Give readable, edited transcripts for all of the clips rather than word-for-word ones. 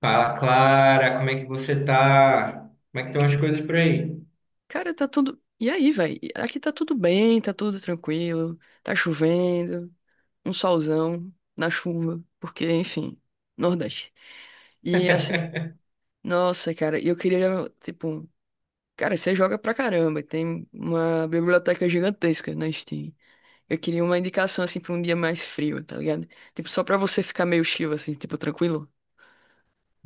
Fala, Clara, como é que você tá? Como é que estão as coisas por aí? Cara, tá tudo. E aí, velho? Aqui tá tudo bem, tá tudo tranquilo, tá chovendo, um solzão na chuva, porque, enfim, Nordeste. E assim, nossa, cara, e eu queria, tipo, cara, você joga pra caramba, tem uma biblioteca gigantesca na Steam. Eu queria uma indicação, assim, pra um dia mais frio, tá ligado? Tipo, só pra você ficar meio chill, assim, tipo, tranquilo.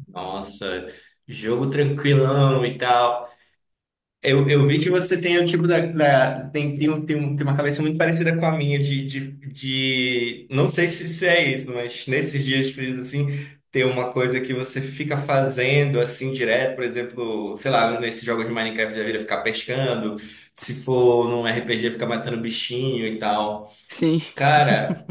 Nossa, jogo tranquilão e tal. Eu vi que você tem o tipo tem uma cabeça muito parecida com a minha não sei se é isso, mas nesses dias frios assim, tem uma coisa que você fica fazendo assim direto, por exemplo, sei lá, nesses jogos de Minecraft da vida ficar pescando, se for num RPG ficar matando bichinho e tal. Sim. Cara,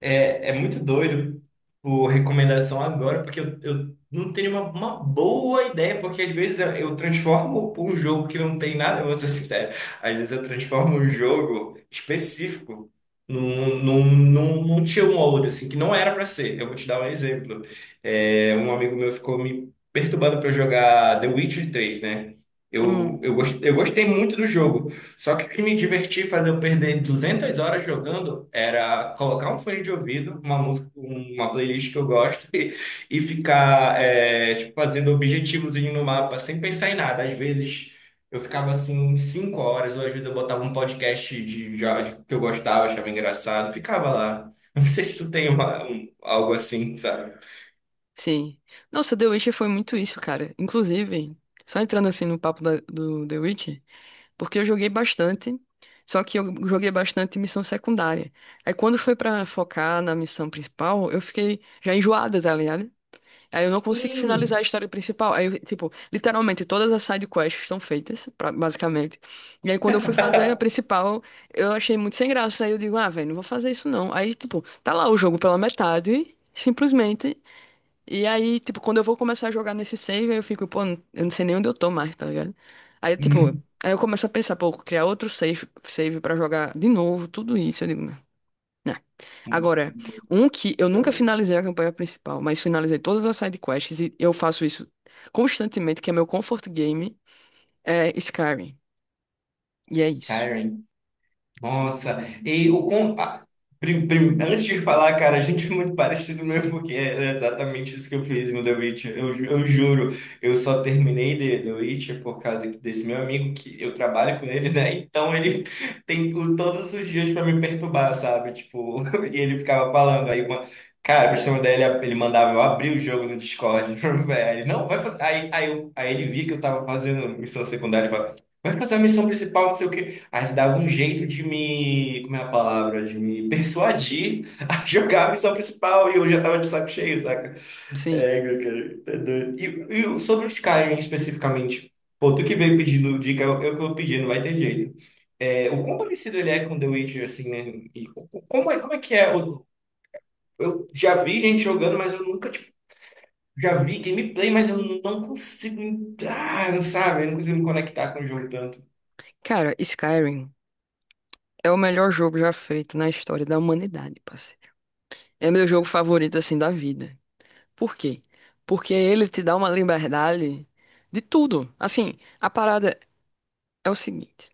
é muito doido por recomendação agora, porque eu não tenho uma boa ideia, porque às vezes eu transformo um jogo que não tem nada, eu vou ser sincero. Às vezes eu transformo um jogo específico num tier 1 ou outro, assim, que não era pra ser. Eu vou te dar um exemplo. Um amigo meu ficou me perturbando pra eu jogar The Witcher 3, né? Eu, Hum, eu, gost, eu gostei muito do jogo. Só que o que me divertia fazer eu perder 200 horas jogando era colocar um fone de ouvido, uma música, uma playlist que eu gosto e ficar tipo, fazendo objetivozinho no mapa sem pensar em nada. Às vezes eu ficava assim 5 horas, ou às vezes eu botava um podcast de áudio que eu gostava, achava engraçado, ficava lá. Não sei se tu tem algo assim, sabe? sim. Nossa, The Witcher foi muito isso, cara. Inclusive, só entrando assim no papo da- do The Witch. Porque eu joguei bastante, só que eu joguei bastante missão secundária. Aí quando foi pra focar na missão principal, eu fiquei já enjoada, tá ligado? Aí eu não consegui finalizar Sim. a história principal. Aí, eu, tipo, literalmente todas as side quests estão feitas, pra- basicamente. E aí quando eu fui fazer a principal, eu achei muito sem graça. Aí eu digo, ah, velho, não vou fazer isso não. Aí, tipo, tá lá o jogo pela metade, simplesmente. E aí, tipo, quando eu vou começar a jogar nesse save, aí eu fico, pô, eu não sei nem onde eu tô mais, tá ligado? Aí, tipo, Hum. aí eu começo a pensar, pô, criar outro save, save pra jogar de novo, tudo isso. Eu digo, não. Não. Agora, um que eu nunca Céu. finalizei a campanha principal, mas finalizei todas as side quests e eu faço isso constantemente, que é meu comfort game, é Skyrim. E é isso. Skyrim. Nossa, e o com... a- prim- prim- antes de falar, cara, a gente é muito parecido mesmo, porque era exatamente isso que eu fiz no The Witch. Eu juro, eu só terminei The Witch por causa desse meu amigo, que eu trabalho com ele, né? Então ele todos os dias pra me perturbar, sabe? Tipo, e ele ficava falando aí uma. Cara, pra você ter uma ideia, ele mandava eu abrir o jogo no Discord. Aí ele, não, vai fazer. Aí ele via que eu tava fazendo missão secundária e falava, vai fazer a missão principal, não sei o quê. Aí ele dava um jeito de me, como é a palavra, de me persuadir a jogar a missão principal e eu já tava de saco cheio, saca? Sim. Meu cara, tá doido. E sobre os Skyrim especificamente, pô, tu que veio pedindo dica, eu que vou pedir, não vai ter jeito. O quão parecido ele é com The Witcher, assim, né? E como é que é? Eu já vi gente jogando, mas eu nunca, tipo, já vi gameplay, mas eu não consigo entrar, não sabe? Eu não consigo me conectar com o jogo tanto. Cara, Skyrim é o melhor jogo já feito na história da humanidade, parceiro. É meu jogo favorito, assim, da vida. Por quê? Porque ele te dá uma liberdade de tudo. Assim, a parada é o seguinte: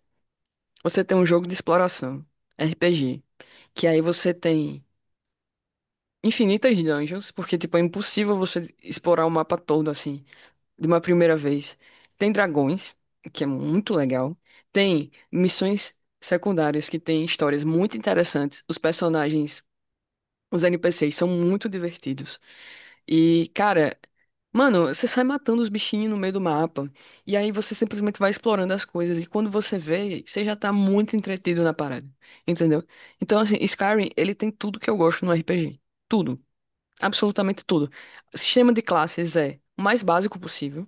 você tem um jogo de exploração, RPG, que aí você tem infinitas dungeons, porque tipo é impossível você explorar o mapa todo assim de uma primeira vez. Tem dragões, que é muito legal. Tem missões secundárias que tem histórias muito interessantes. Os personagens, os NPCs são muito divertidos. E, cara, mano, você sai matando os bichinhos no meio do mapa. E aí você simplesmente vai explorando as coisas. E quando você vê, você já tá muito entretido na parada. Entendeu? Então, assim, Skyrim, ele tem tudo que eu gosto no RPG. Tudo. Absolutamente tudo. Sistema de classes é o mais básico possível,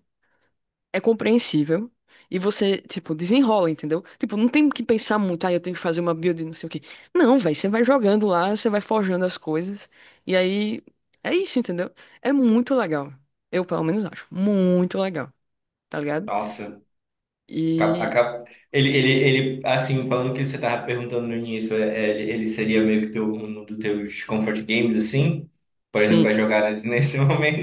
é compreensível e você, tipo, desenrola, entendeu? Tipo, não tem que pensar muito, ah, eu tenho que fazer uma build, não sei o quê. Não, velho, você vai jogando lá, você vai forjando as coisas e aí é isso, entendeu? É muito legal. Eu, pelo menos, acho muito legal, tá ligado? Nossa. Cap- a E cap- Ele, ele, ele, assim, falando o que você tava perguntando no início, ele seria meio que teu, um dos teus comfort games, assim? Por exemplo, para sim, jogar nesse momento.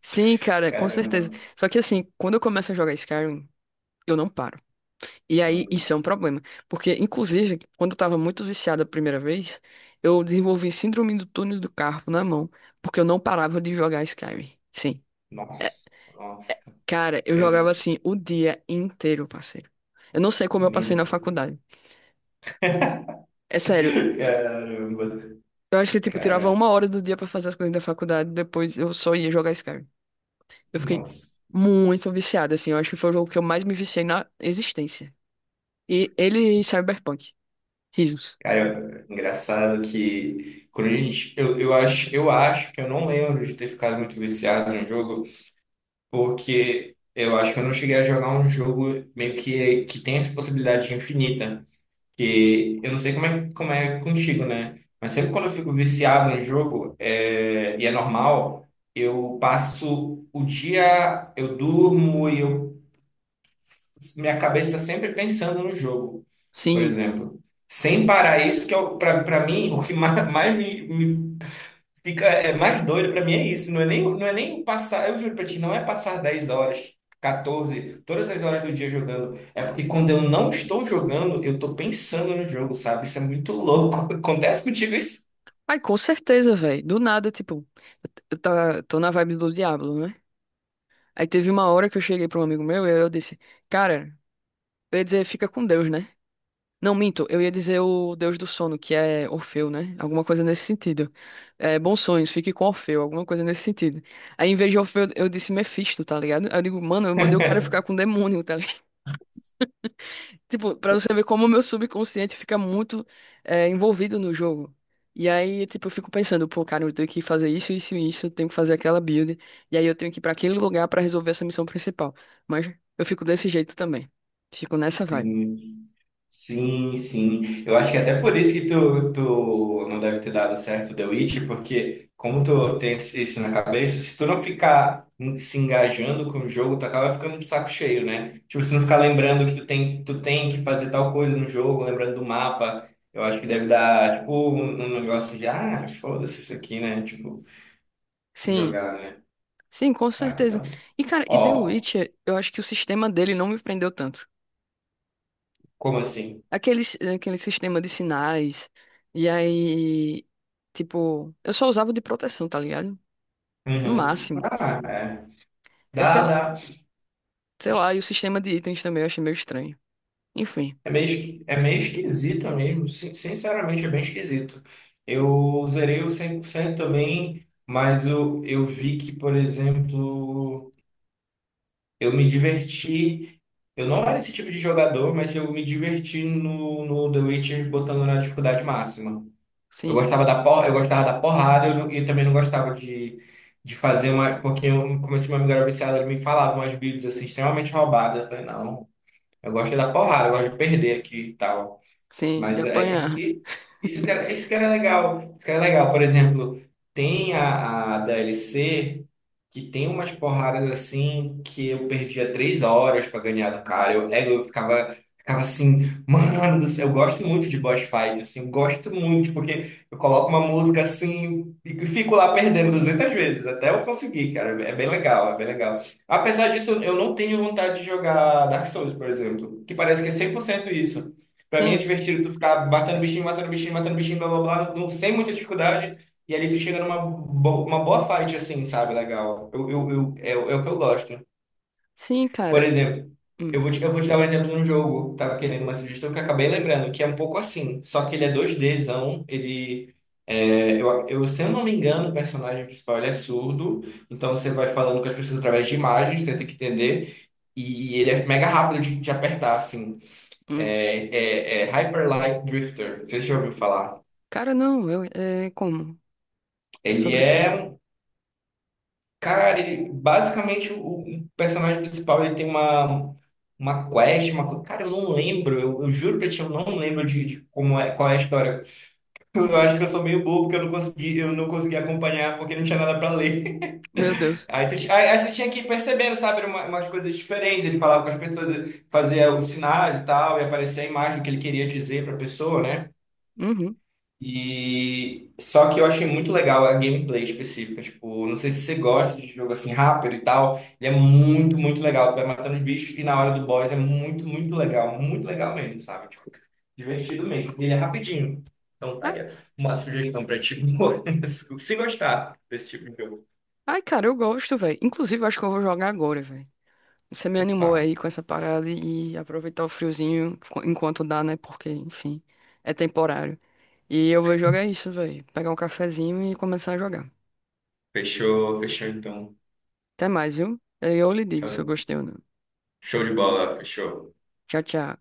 sim, cara, com certeza. Caramba. Só que assim, quando eu começo a jogar Skyrim, eu não paro. E aí, isso Hum. é um problema. Porque, inclusive, quando eu tava muito viciado a primeira vez, eu desenvolvi síndrome do túnel do carpo na mão, porque eu não parava de jogar Skyrim. Sim. É, Nossa, nossa. cara, eu Eu, jogava assim o dia inteiro, parceiro. Eu não sei como eu passei meu na Deus. faculdade. É sério, Caramba, eu acho que, tipo, eu tirava uma caramba. hora do dia pra fazer as coisas da faculdade, depois eu só ia jogar Skyrim. Eu fiquei Nossa. muito viciado, assim. Eu acho que foi o jogo que eu mais me viciei na existência. E ele e Cyberpunk. Risos. Cara, engraçado que quando eu acho que eu não lembro de ter ficado muito viciado no jogo. Porque eu acho que eu não cheguei a jogar um jogo meio que tem essa possibilidade infinita. Que eu não sei como é contigo, né? Mas sempre quando eu fico viciado em jogo, e é normal, eu passo o dia, eu durmo minha cabeça está sempre pensando no jogo, por Sim. exemplo. Sem parar isso, que é, para mim, o que mais, me fica, é mais doido pra mim é isso. Não é nem passar, eu juro pra ti, não é passar 10 horas, 14 todas as horas do dia jogando. É porque quando eu não estou jogando, eu tô pensando no jogo, sabe? Isso é muito louco. Acontece contigo isso? Ai, com certeza, velho. Do nada, tipo, tô na vibe do Diablo, né? Aí teve uma hora que eu cheguei pra um amigo meu e eu disse, cara, eu ia dizer fica com Deus, né? Não, minto, eu ia dizer o Deus do sono, que é Orfeu, né? Alguma coisa nesse sentido. É, bons sonhos, fique com Orfeu, alguma coisa nesse sentido. Aí, em vez de Orfeu, eu disse Mephisto, tá ligado? Aí eu digo, mano, eu mandei o cara ficar com o demônio, tá. Tipo, pra você ver como o meu subconsciente fica muito, é, envolvido no jogo. E aí, tipo, eu fico pensando, pô, cara, eu tenho que fazer isso, isso e isso, eu tenho que fazer aquela build, e aí eu tenho que ir pra aquele lugar pra resolver essa missão principal. Mas eu fico desse jeito também. Fico nessa vibe. Sim, sim, sim. Eu acho que é até por isso que tu não deve ter dado certo The Witch, porque como tu tem isso na cabeça, se tu não ficar se engajando com o jogo, tu acaba ficando de saco cheio, né? Tipo, se não ficar lembrando que tu tem que fazer tal coisa no jogo, lembrando do mapa, eu acho que deve dar, tipo, um negócio de, ah, foda-se isso aqui, né? Tipo, de Sim, jogar, né? sim, com Saca? certeza. Então, E, cara, e The ó, Witcher, eu acho que o sistema dele não me prendeu tanto. como assim? Aquele, aquele sistema de sinais, e aí, tipo, eu só usava o de proteção, tá ligado? No Uhum. máximo. Ah, é. Eu, sei Dá, dá. Sei lá, e o sistema de itens também eu achei meio estranho. Enfim, É meio esquisito mesmo, sinceramente é bem esquisito. Eu zerei o 100% também, mas eu vi que, por exemplo, eu me diverti. Eu não era esse tipo de jogador, mas eu me diverti no The Witcher botando na dificuldade máxima. Eu sim, gostava da, por, eu gostava da porrada, eu também não gostava de fazer uma. Porque eu comecei uma amiga era viciada, ela me falava umas builds assim, extremamente roubadas. Eu falei, não, eu gosto é da porrada, eu gosto de perder aqui e tal. sim, de Mas é, apanhar. e- isso que era legal. Isso que era legal. Por exemplo, tem a DLC que tem umas porradas assim que eu perdia 3 horas pra ganhar do cara. Eu ficava assim, mano do céu, eu gosto muito de boss fight, assim, eu gosto muito, porque eu coloco uma música assim e fico lá perdendo 200 vezes, até eu conseguir, cara. É bem legal, é bem legal. Apesar disso, eu não tenho vontade de jogar Dark Souls, por exemplo, que parece que é 100% isso. Pra mim é Sim, divertido tu ficar matando bichinho, matando bichinho, matando bichinho, blá blá blá, sem muita dificuldade. E ali tu chega numa uma boa fight, assim, sabe? Legal. O é o que eu gosto. sim, Por cara. exemplo, Hum, eu vou te dar um exemplo de um jogo, tava querendo uma sugestão que eu acabei lembrando, que é um pouco assim. Só que ele é 2Dzão, ele. Se eu não me engano, o personagem principal ele é surdo, então você vai falando com as pessoas através de imagens, tenta que entender. E ele é mega rápido de apertar, assim. hum. É, é Hyper Light Drifter, você já ouviu falar? Cara, não, eu, é como? É Ele sobre o quê? é, um- cara, basicamente o personagem principal ele tem uma quest, cara, eu não lembro, eu juro pra ti, eu não lembro de como é, qual é a história. Eu acho que eu sou meio bobo porque eu não consegui acompanhar porque não tinha nada pra ler. Meu Deus. Aí, tu, ti- aí, aí você tinha que ir percebendo, sabe, umas coisas diferentes. Ele falava com as pessoas, fazia os sinais e tal, e aparecia a imagem que ele queria dizer pra pessoa, né? Uhum. E só que eu achei muito legal a gameplay específica, tipo, não sei se você gosta de jogo assim rápido e tal, ele é muito, muito legal, tu vai matando os bichos e na hora do boss é muito, muito legal mesmo, sabe? Tipo, divertido mesmo. E ele é rapidinho. Então tá Ah, aí uma sugestão pra ti, se gostar desse tipo de jogo. ai, cara, eu gosto, velho. Inclusive, eu acho que eu vou jogar agora, velho. Você me animou Opa, aí com essa parada e aproveitar o friozinho enquanto dá, né? Porque, enfim, é temporário. E eu vou jogar isso, velho. Pegar um cafezinho e começar a jogar. fechou, fechou então. Até mais, viu? Aí eu lhe digo se eu Tchau. gostei ou não. Show de bola, fechou. Tchau, tchau.